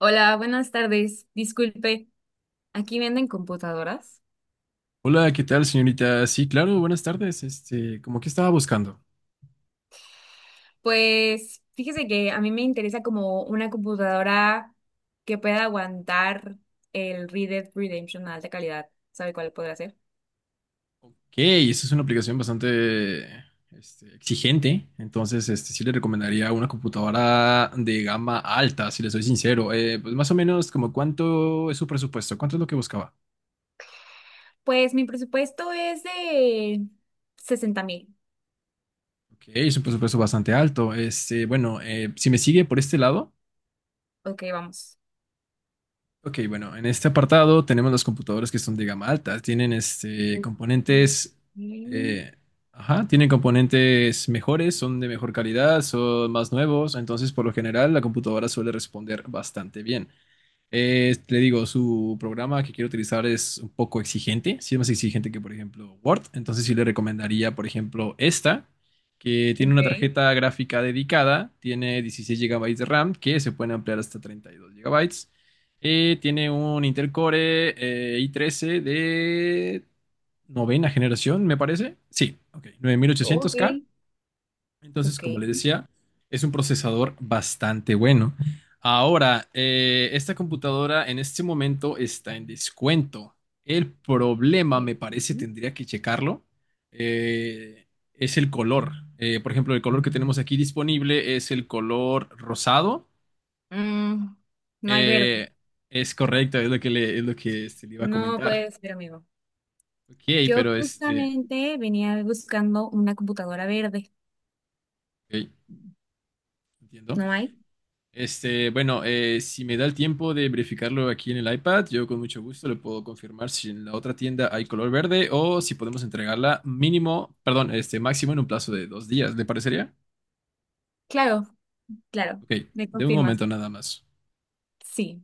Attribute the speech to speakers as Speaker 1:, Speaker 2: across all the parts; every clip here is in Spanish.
Speaker 1: Hola, buenas tardes. Disculpe, ¿aquí venden computadoras?
Speaker 2: Hola, ¿qué tal, señorita? Sí, claro, buenas tardes. ¿Cómo que estaba buscando?
Speaker 1: Pues fíjese que a mí me interesa como una computadora que pueda aguantar el Red Dead Redemption a alta calidad. ¿Sabe cuál podrá ser?
Speaker 2: Ok, esa es una aplicación bastante, exigente. Entonces, sí le recomendaría una computadora de gama alta, si le soy sincero. Pues más o menos, como cuánto es su presupuesto, cuánto es lo que buscaba.
Speaker 1: Pues mi presupuesto es de 60,000.
Speaker 2: Ok, es un presupuesto bastante alto. Bueno, si me sigue por este lado.
Speaker 1: Ok, vamos.
Speaker 2: Ok, bueno, en este apartado tenemos las computadoras que son de gama alta. Tienen
Speaker 1: Ok,
Speaker 2: componentes, eh, ajá, tienen componentes mejores, son de mejor calidad, son más nuevos. Entonces, por lo general, la computadora suele responder bastante bien. Le digo, su programa que quiero utilizar es un poco exigente, sí es más exigente que, por ejemplo, Word. Entonces sí le recomendaría, por ejemplo, esta, que tiene
Speaker 1: ok,
Speaker 2: una tarjeta gráfica dedicada, tiene 16 GB de RAM, que se pueden ampliar hasta 32 GB. Tiene un Intel Core i13 de novena generación, me parece. Sí, ok, nueve mil ochocientos
Speaker 1: ok,
Speaker 2: k Entonces,
Speaker 1: ok.
Speaker 2: como les decía, es un procesador bastante bueno. Ahora, esta computadora en este momento está en descuento. El problema, me parece, tendría que checarlo, eh, es el color. Por ejemplo, el color que tenemos aquí disponible es el color rosado.
Speaker 1: Mm, no hay verde.
Speaker 2: Eh, es correcto, es lo que le iba a
Speaker 1: No
Speaker 2: comentar.
Speaker 1: puede ser, amigo.
Speaker 2: Ok,
Speaker 1: Yo
Speaker 2: pero
Speaker 1: justamente venía buscando una computadora verde.
Speaker 2: ok, entiendo.
Speaker 1: ¿No hay?
Speaker 2: Bueno, si me da el tiempo de verificarlo aquí en el iPad, yo con mucho gusto le puedo confirmar si en la otra tienda hay color verde o si podemos entregarla mínimo, perdón, máximo en un plazo de 2 días, ¿le parecería?
Speaker 1: Claro, claro.
Speaker 2: Ok,
Speaker 1: ¿Me
Speaker 2: de un
Speaker 1: confirmas?
Speaker 2: momento nada más.
Speaker 1: Sí.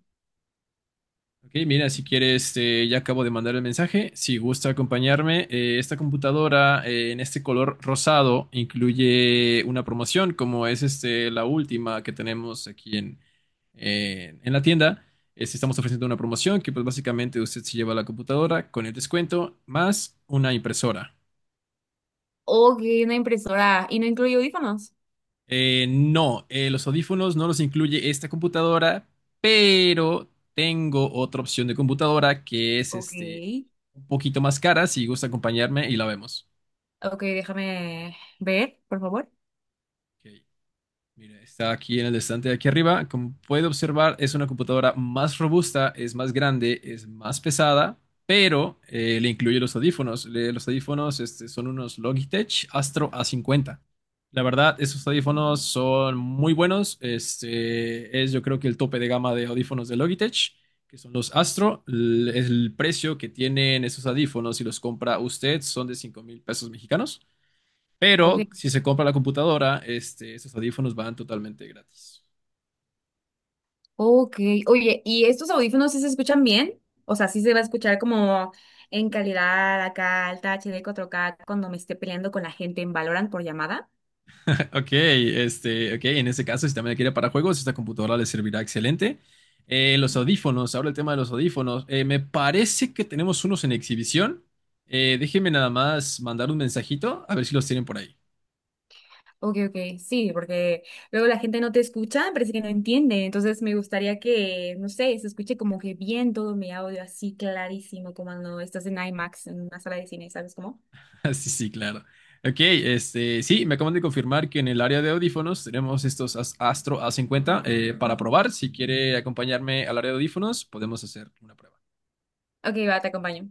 Speaker 2: Ok, mira, si quieres, ya acabo de mandar el mensaje. Si gusta acompañarme, esta computadora en este color rosado incluye una promoción, como es la última que tenemos aquí en la tienda. Estamos ofreciendo una promoción que pues básicamente usted se lleva la computadora con el descuento más una impresora.
Speaker 1: Ok, una impresora. ¿Y no incluye audífonos?
Speaker 2: No, los audífonos no los incluye esta computadora, pero tengo otra opción de computadora que es
Speaker 1: Ok.
Speaker 2: un poquito más cara. Si gusta acompañarme y la vemos.
Speaker 1: Ok, déjame ver, por favor.
Speaker 2: Ok. Mira, está aquí en el estante de aquí arriba. Como puede observar, es una computadora más robusta, es más grande, es más pesada, pero le incluye los audífonos. Los audífonos son unos Logitech Astro A50. La verdad, esos audífonos son muy buenos. Es yo creo que el tope de gama de audífonos de Logitech, que son los Astro. El precio que tienen esos audífonos, si los compra usted, son de 5000 pesos mexicanos. Pero
Speaker 1: Ok.
Speaker 2: si se compra la computadora, esos audífonos van totalmente gratis.
Speaker 1: Ok. Oye, ¿y estos audífonos sí se escuchan bien? O sea, sí se va a escuchar como en calidad acá, alta HD 4K, cuando me esté peleando con la gente en Valorant por llamada.
Speaker 2: Ok, ok, en ese caso, si también la quiere para juegos, esta computadora le servirá excelente. Los audífonos, ahora el tema de los audífonos. Me parece que tenemos unos en exhibición. Déjenme nada más mandar un mensajito a ver si los tienen por ahí.
Speaker 1: Ok, ok, sí, porque luego la gente no te escucha, parece que no entiende, entonces me gustaría que, no sé, se escuche como que bien todo mi audio así clarísimo, como cuando estás en IMAX, en una sala de cine, ¿sabes cómo?
Speaker 2: Sí, sí, claro. Ok, sí, me acaban de confirmar que en el área de audífonos tenemos estos Astro A50 para probar. Si quiere acompañarme al área de audífonos, podemos hacer una prueba.
Speaker 1: Ok, va, te acompaño.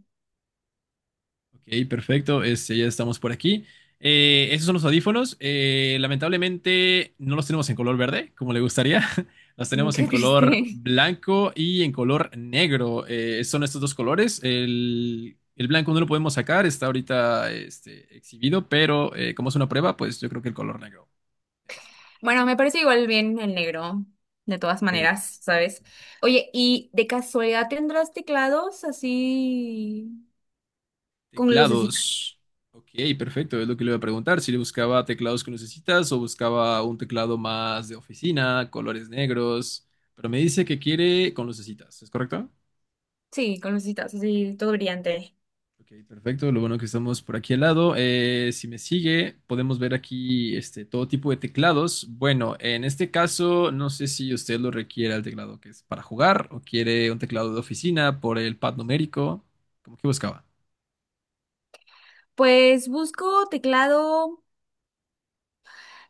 Speaker 2: Ok, perfecto. Ya estamos por aquí. Esos son los audífonos. Lamentablemente no los tenemos en color verde, como le gustaría. Los
Speaker 1: Mm,
Speaker 2: tenemos en
Speaker 1: qué triste.
Speaker 2: color blanco y en color negro. Son estos dos colores. El blanco no lo podemos sacar, está ahorita exhibido, pero como es una prueba, pues yo creo que el color negro. Este,
Speaker 1: Bueno, me parece igual bien el negro, de todas
Speaker 2: ok.
Speaker 1: maneras, ¿sabes? Oye, ¿y de casualidad tendrás teclados así con lucecitas?
Speaker 2: Teclados. Ok, perfecto. Es lo que le iba a preguntar. Si le buscaba teclados con necesitas o buscaba un teclado más de oficina, colores negros. Pero me dice que quiere con lucecitas, ¿es correcto?
Speaker 1: Sí, con lucecitas, así todo brillante.
Speaker 2: Ok, perfecto. Lo bueno que estamos por aquí al lado. Si me sigue, podemos ver aquí todo tipo de teclados. Bueno, en este caso, no sé si usted lo requiere el teclado que es para jugar o quiere un teclado de oficina por el pad numérico. ¿Cómo que buscaba?
Speaker 1: Pues busco teclado.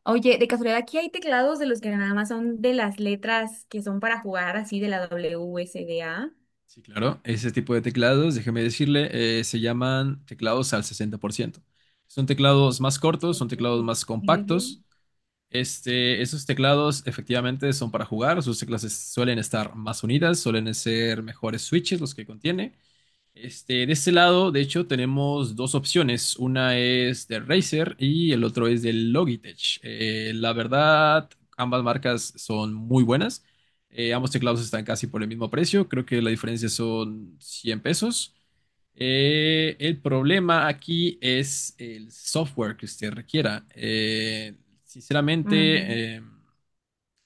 Speaker 1: Oye, de casualidad, aquí hay teclados de los que nada más son de las letras que son para jugar así de la W WSDA.
Speaker 2: Sí, claro. Ese tipo de teclados, déjeme decirle, se llaman teclados al 60%. Son teclados más cortos, son teclados
Speaker 1: Ujú.
Speaker 2: más compactos. Esos teclados efectivamente son para jugar. Sus teclas suelen estar más unidas, suelen ser mejores switches los que contiene. De este lado, de hecho, tenemos dos opciones. Una es de Razer y el otro es de Logitech. La verdad, ambas marcas son muy buenas. Ambos teclados están casi por el mismo precio. Creo que la diferencia son 100 pesos. El problema aquí es el software que usted requiera.
Speaker 1: Ujú.
Speaker 2: Sinceramente, em,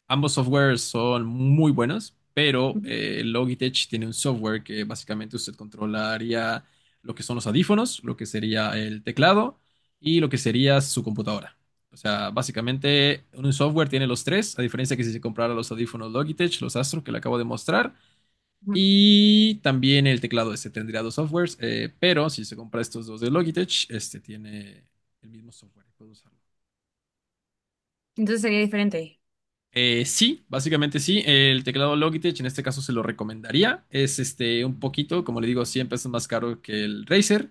Speaker 2: Ambos softwares son muy buenos, pero Logitech tiene un software que básicamente usted controlaría lo que son los audífonos, lo que sería el teclado y lo que sería su computadora. O sea, básicamente un software tiene los tres, a diferencia que si se comprara los audífonos Logitech, los Astro que le acabo de mostrar,
Speaker 1: Ujú.
Speaker 2: y también el teclado este tendría dos softwares, pero si se compra estos dos de Logitech, este tiene el mismo software, puede usarlo.
Speaker 1: Entonces sería diferente.
Speaker 2: Sí, básicamente sí. El teclado Logitech en este caso se lo recomendaría. Es un poquito, como le digo, 100 pesos más caro que el Razer,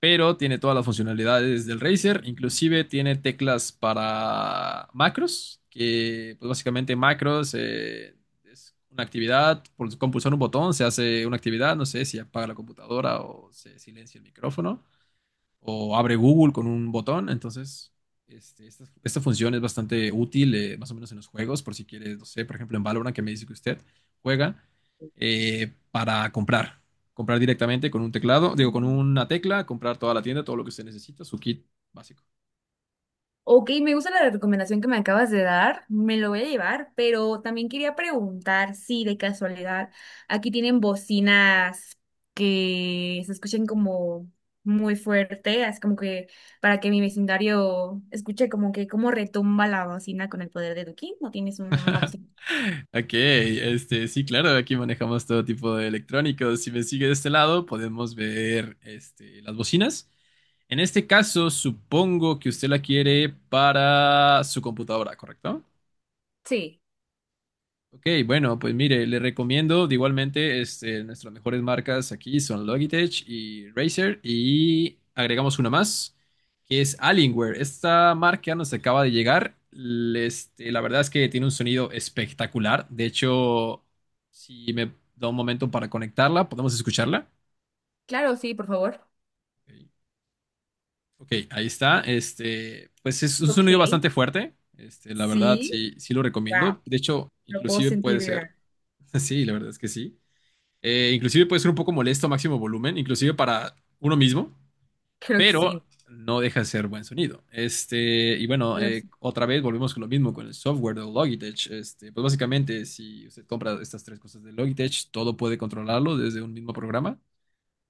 Speaker 2: pero tiene todas las funcionalidades del Razer. Inclusive tiene teclas para macros, que pues básicamente macros es una actividad, por, con pulsar un botón se hace una actividad, no sé si apaga la computadora o se silencia el micrófono o abre Google con un botón. Entonces, esta función es bastante útil, más o menos en los juegos, por si quieres, no sé, por ejemplo, en Valorant, que me dice que usted juega para comprar. Comprar directamente con un teclado, digo, con una tecla, comprar toda la tienda, todo lo que usted necesita, su kit básico.
Speaker 1: Ok, me gusta la recomendación que me acabas de dar, me lo voy a llevar, pero también quería preguntar si de casualidad aquí tienen bocinas que se escuchen como muy fuerte, así como que para que mi vecindario escuche como que cómo retumba la bocina con el poder de Duki, ¿no tienes una bocina?
Speaker 2: Ok, sí, claro, aquí manejamos todo tipo de electrónicos. Si me sigue de este lado, podemos ver las bocinas. En este caso, supongo que usted la quiere para su computadora, ¿correcto?
Speaker 1: Sí,
Speaker 2: Ok, bueno, pues mire, le recomiendo de igualmente nuestras mejores marcas aquí son Logitech y Razer y agregamos una más que es Alienware. Esta marca nos acaba de llegar. La verdad es que tiene un sonido espectacular. De hecho, si me da un momento para conectarla, podemos escucharla.
Speaker 1: claro, sí, por favor.
Speaker 2: Ok, ok, ahí está. Pues es un sonido
Speaker 1: Ok,
Speaker 2: bastante fuerte. La verdad,
Speaker 1: sí,
Speaker 2: sí, sí lo
Speaker 1: wow,
Speaker 2: recomiendo. De hecho,
Speaker 1: lo puedo
Speaker 2: inclusive
Speaker 1: sentir
Speaker 2: puede ser.
Speaker 1: vibrar.
Speaker 2: Sí, la verdad es que sí. Inclusive puede ser un poco molesto a máximo volumen, inclusive para uno mismo,
Speaker 1: Creo que
Speaker 2: pero
Speaker 1: sí.
Speaker 2: no deja de ser buen sonido. Y bueno, otra vez volvemos con lo mismo con el software de Logitech. Pues básicamente, si usted compra estas tres cosas de Logitech, todo puede controlarlo desde un mismo programa.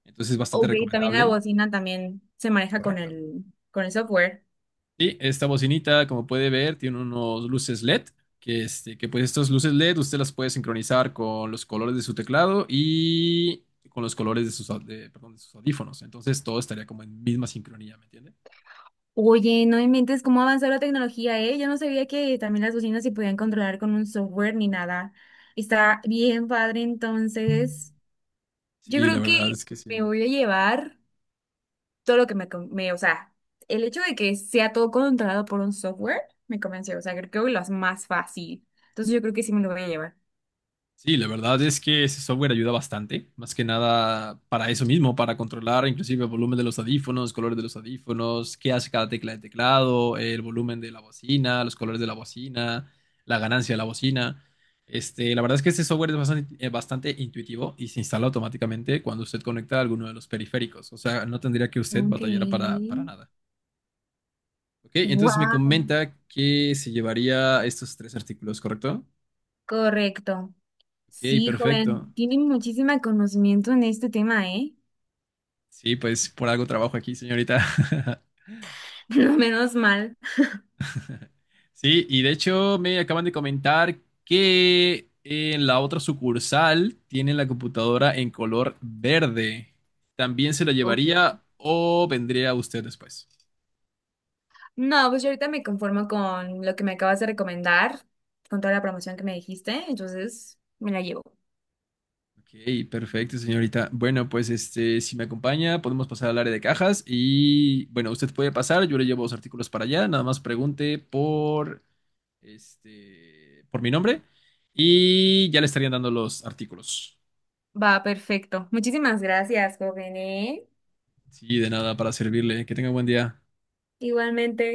Speaker 2: Entonces es bastante
Speaker 1: Ok, también la
Speaker 2: recomendable.
Speaker 1: bocina también se maneja
Speaker 2: Correcto.
Speaker 1: con el software.
Speaker 2: Y esta bocinita, como puede ver, tiene unos luces LED, que, que pues estas luces LED usted las puede sincronizar con los colores de su teclado y con los colores de sus, perdón, de sus audífonos. Entonces todo estaría como en misma sincronía, ¿me entiende?
Speaker 1: Oye, no inventes cómo ha avanzado la tecnología, ¿eh? Yo no sabía que también las bocinas se podían controlar con un software ni nada. Está bien padre, entonces. Yo
Speaker 2: Sí, la
Speaker 1: creo que
Speaker 2: verdad es que
Speaker 1: me
Speaker 2: sí.
Speaker 1: voy a llevar todo lo que o sea, el hecho de que sea todo controlado por un software me convenció, o sea, creo que lo hace más fácil. Entonces yo creo que sí me lo voy a llevar.
Speaker 2: Sí, la verdad es que ese software ayuda bastante, más que nada para eso mismo, para controlar inclusive el volumen de los audífonos, colores de los audífonos, qué hace cada tecla de teclado, el volumen de la bocina, los colores de la bocina, la ganancia de la bocina. La verdad es que este software es bastante, bastante intuitivo y se instala automáticamente cuando usted conecta alguno de los periféricos, o sea, no tendría que usted
Speaker 1: Ok.
Speaker 2: batallar para nada. Ok, entonces me
Speaker 1: Wow,
Speaker 2: comenta que se llevaría estos tres artículos, ¿correcto?
Speaker 1: correcto.
Speaker 2: Ok,
Speaker 1: Sí,
Speaker 2: perfecto.
Speaker 1: joven, tiene muchísimo conocimiento en este tema, ¿eh?
Speaker 2: Sí, pues por algo trabajo aquí, señorita.
Speaker 1: No, menos mal.
Speaker 2: Sí, y de hecho me acaban de comentar que en la otra sucursal tienen la computadora en color verde. ¿También se la
Speaker 1: Ok.
Speaker 2: llevaría o vendría usted después?
Speaker 1: No, pues yo ahorita me conformo con lo que me acabas de recomendar, con toda la promoción que me dijiste, entonces me la llevo.
Speaker 2: Ok, perfecto, señorita. Bueno, pues si me acompaña, podemos pasar al área de cajas y bueno, usted puede pasar, yo le llevo los artículos para allá, nada más pregunte por mi nombre y ya le estarían dando los artículos.
Speaker 1: Va, perfecto. Muchísimas gracias, joven, ¿eh?
Speaker 2: Sí, de nada, para servirle. Que tenga buen día.
Speaker 1: Igualmente.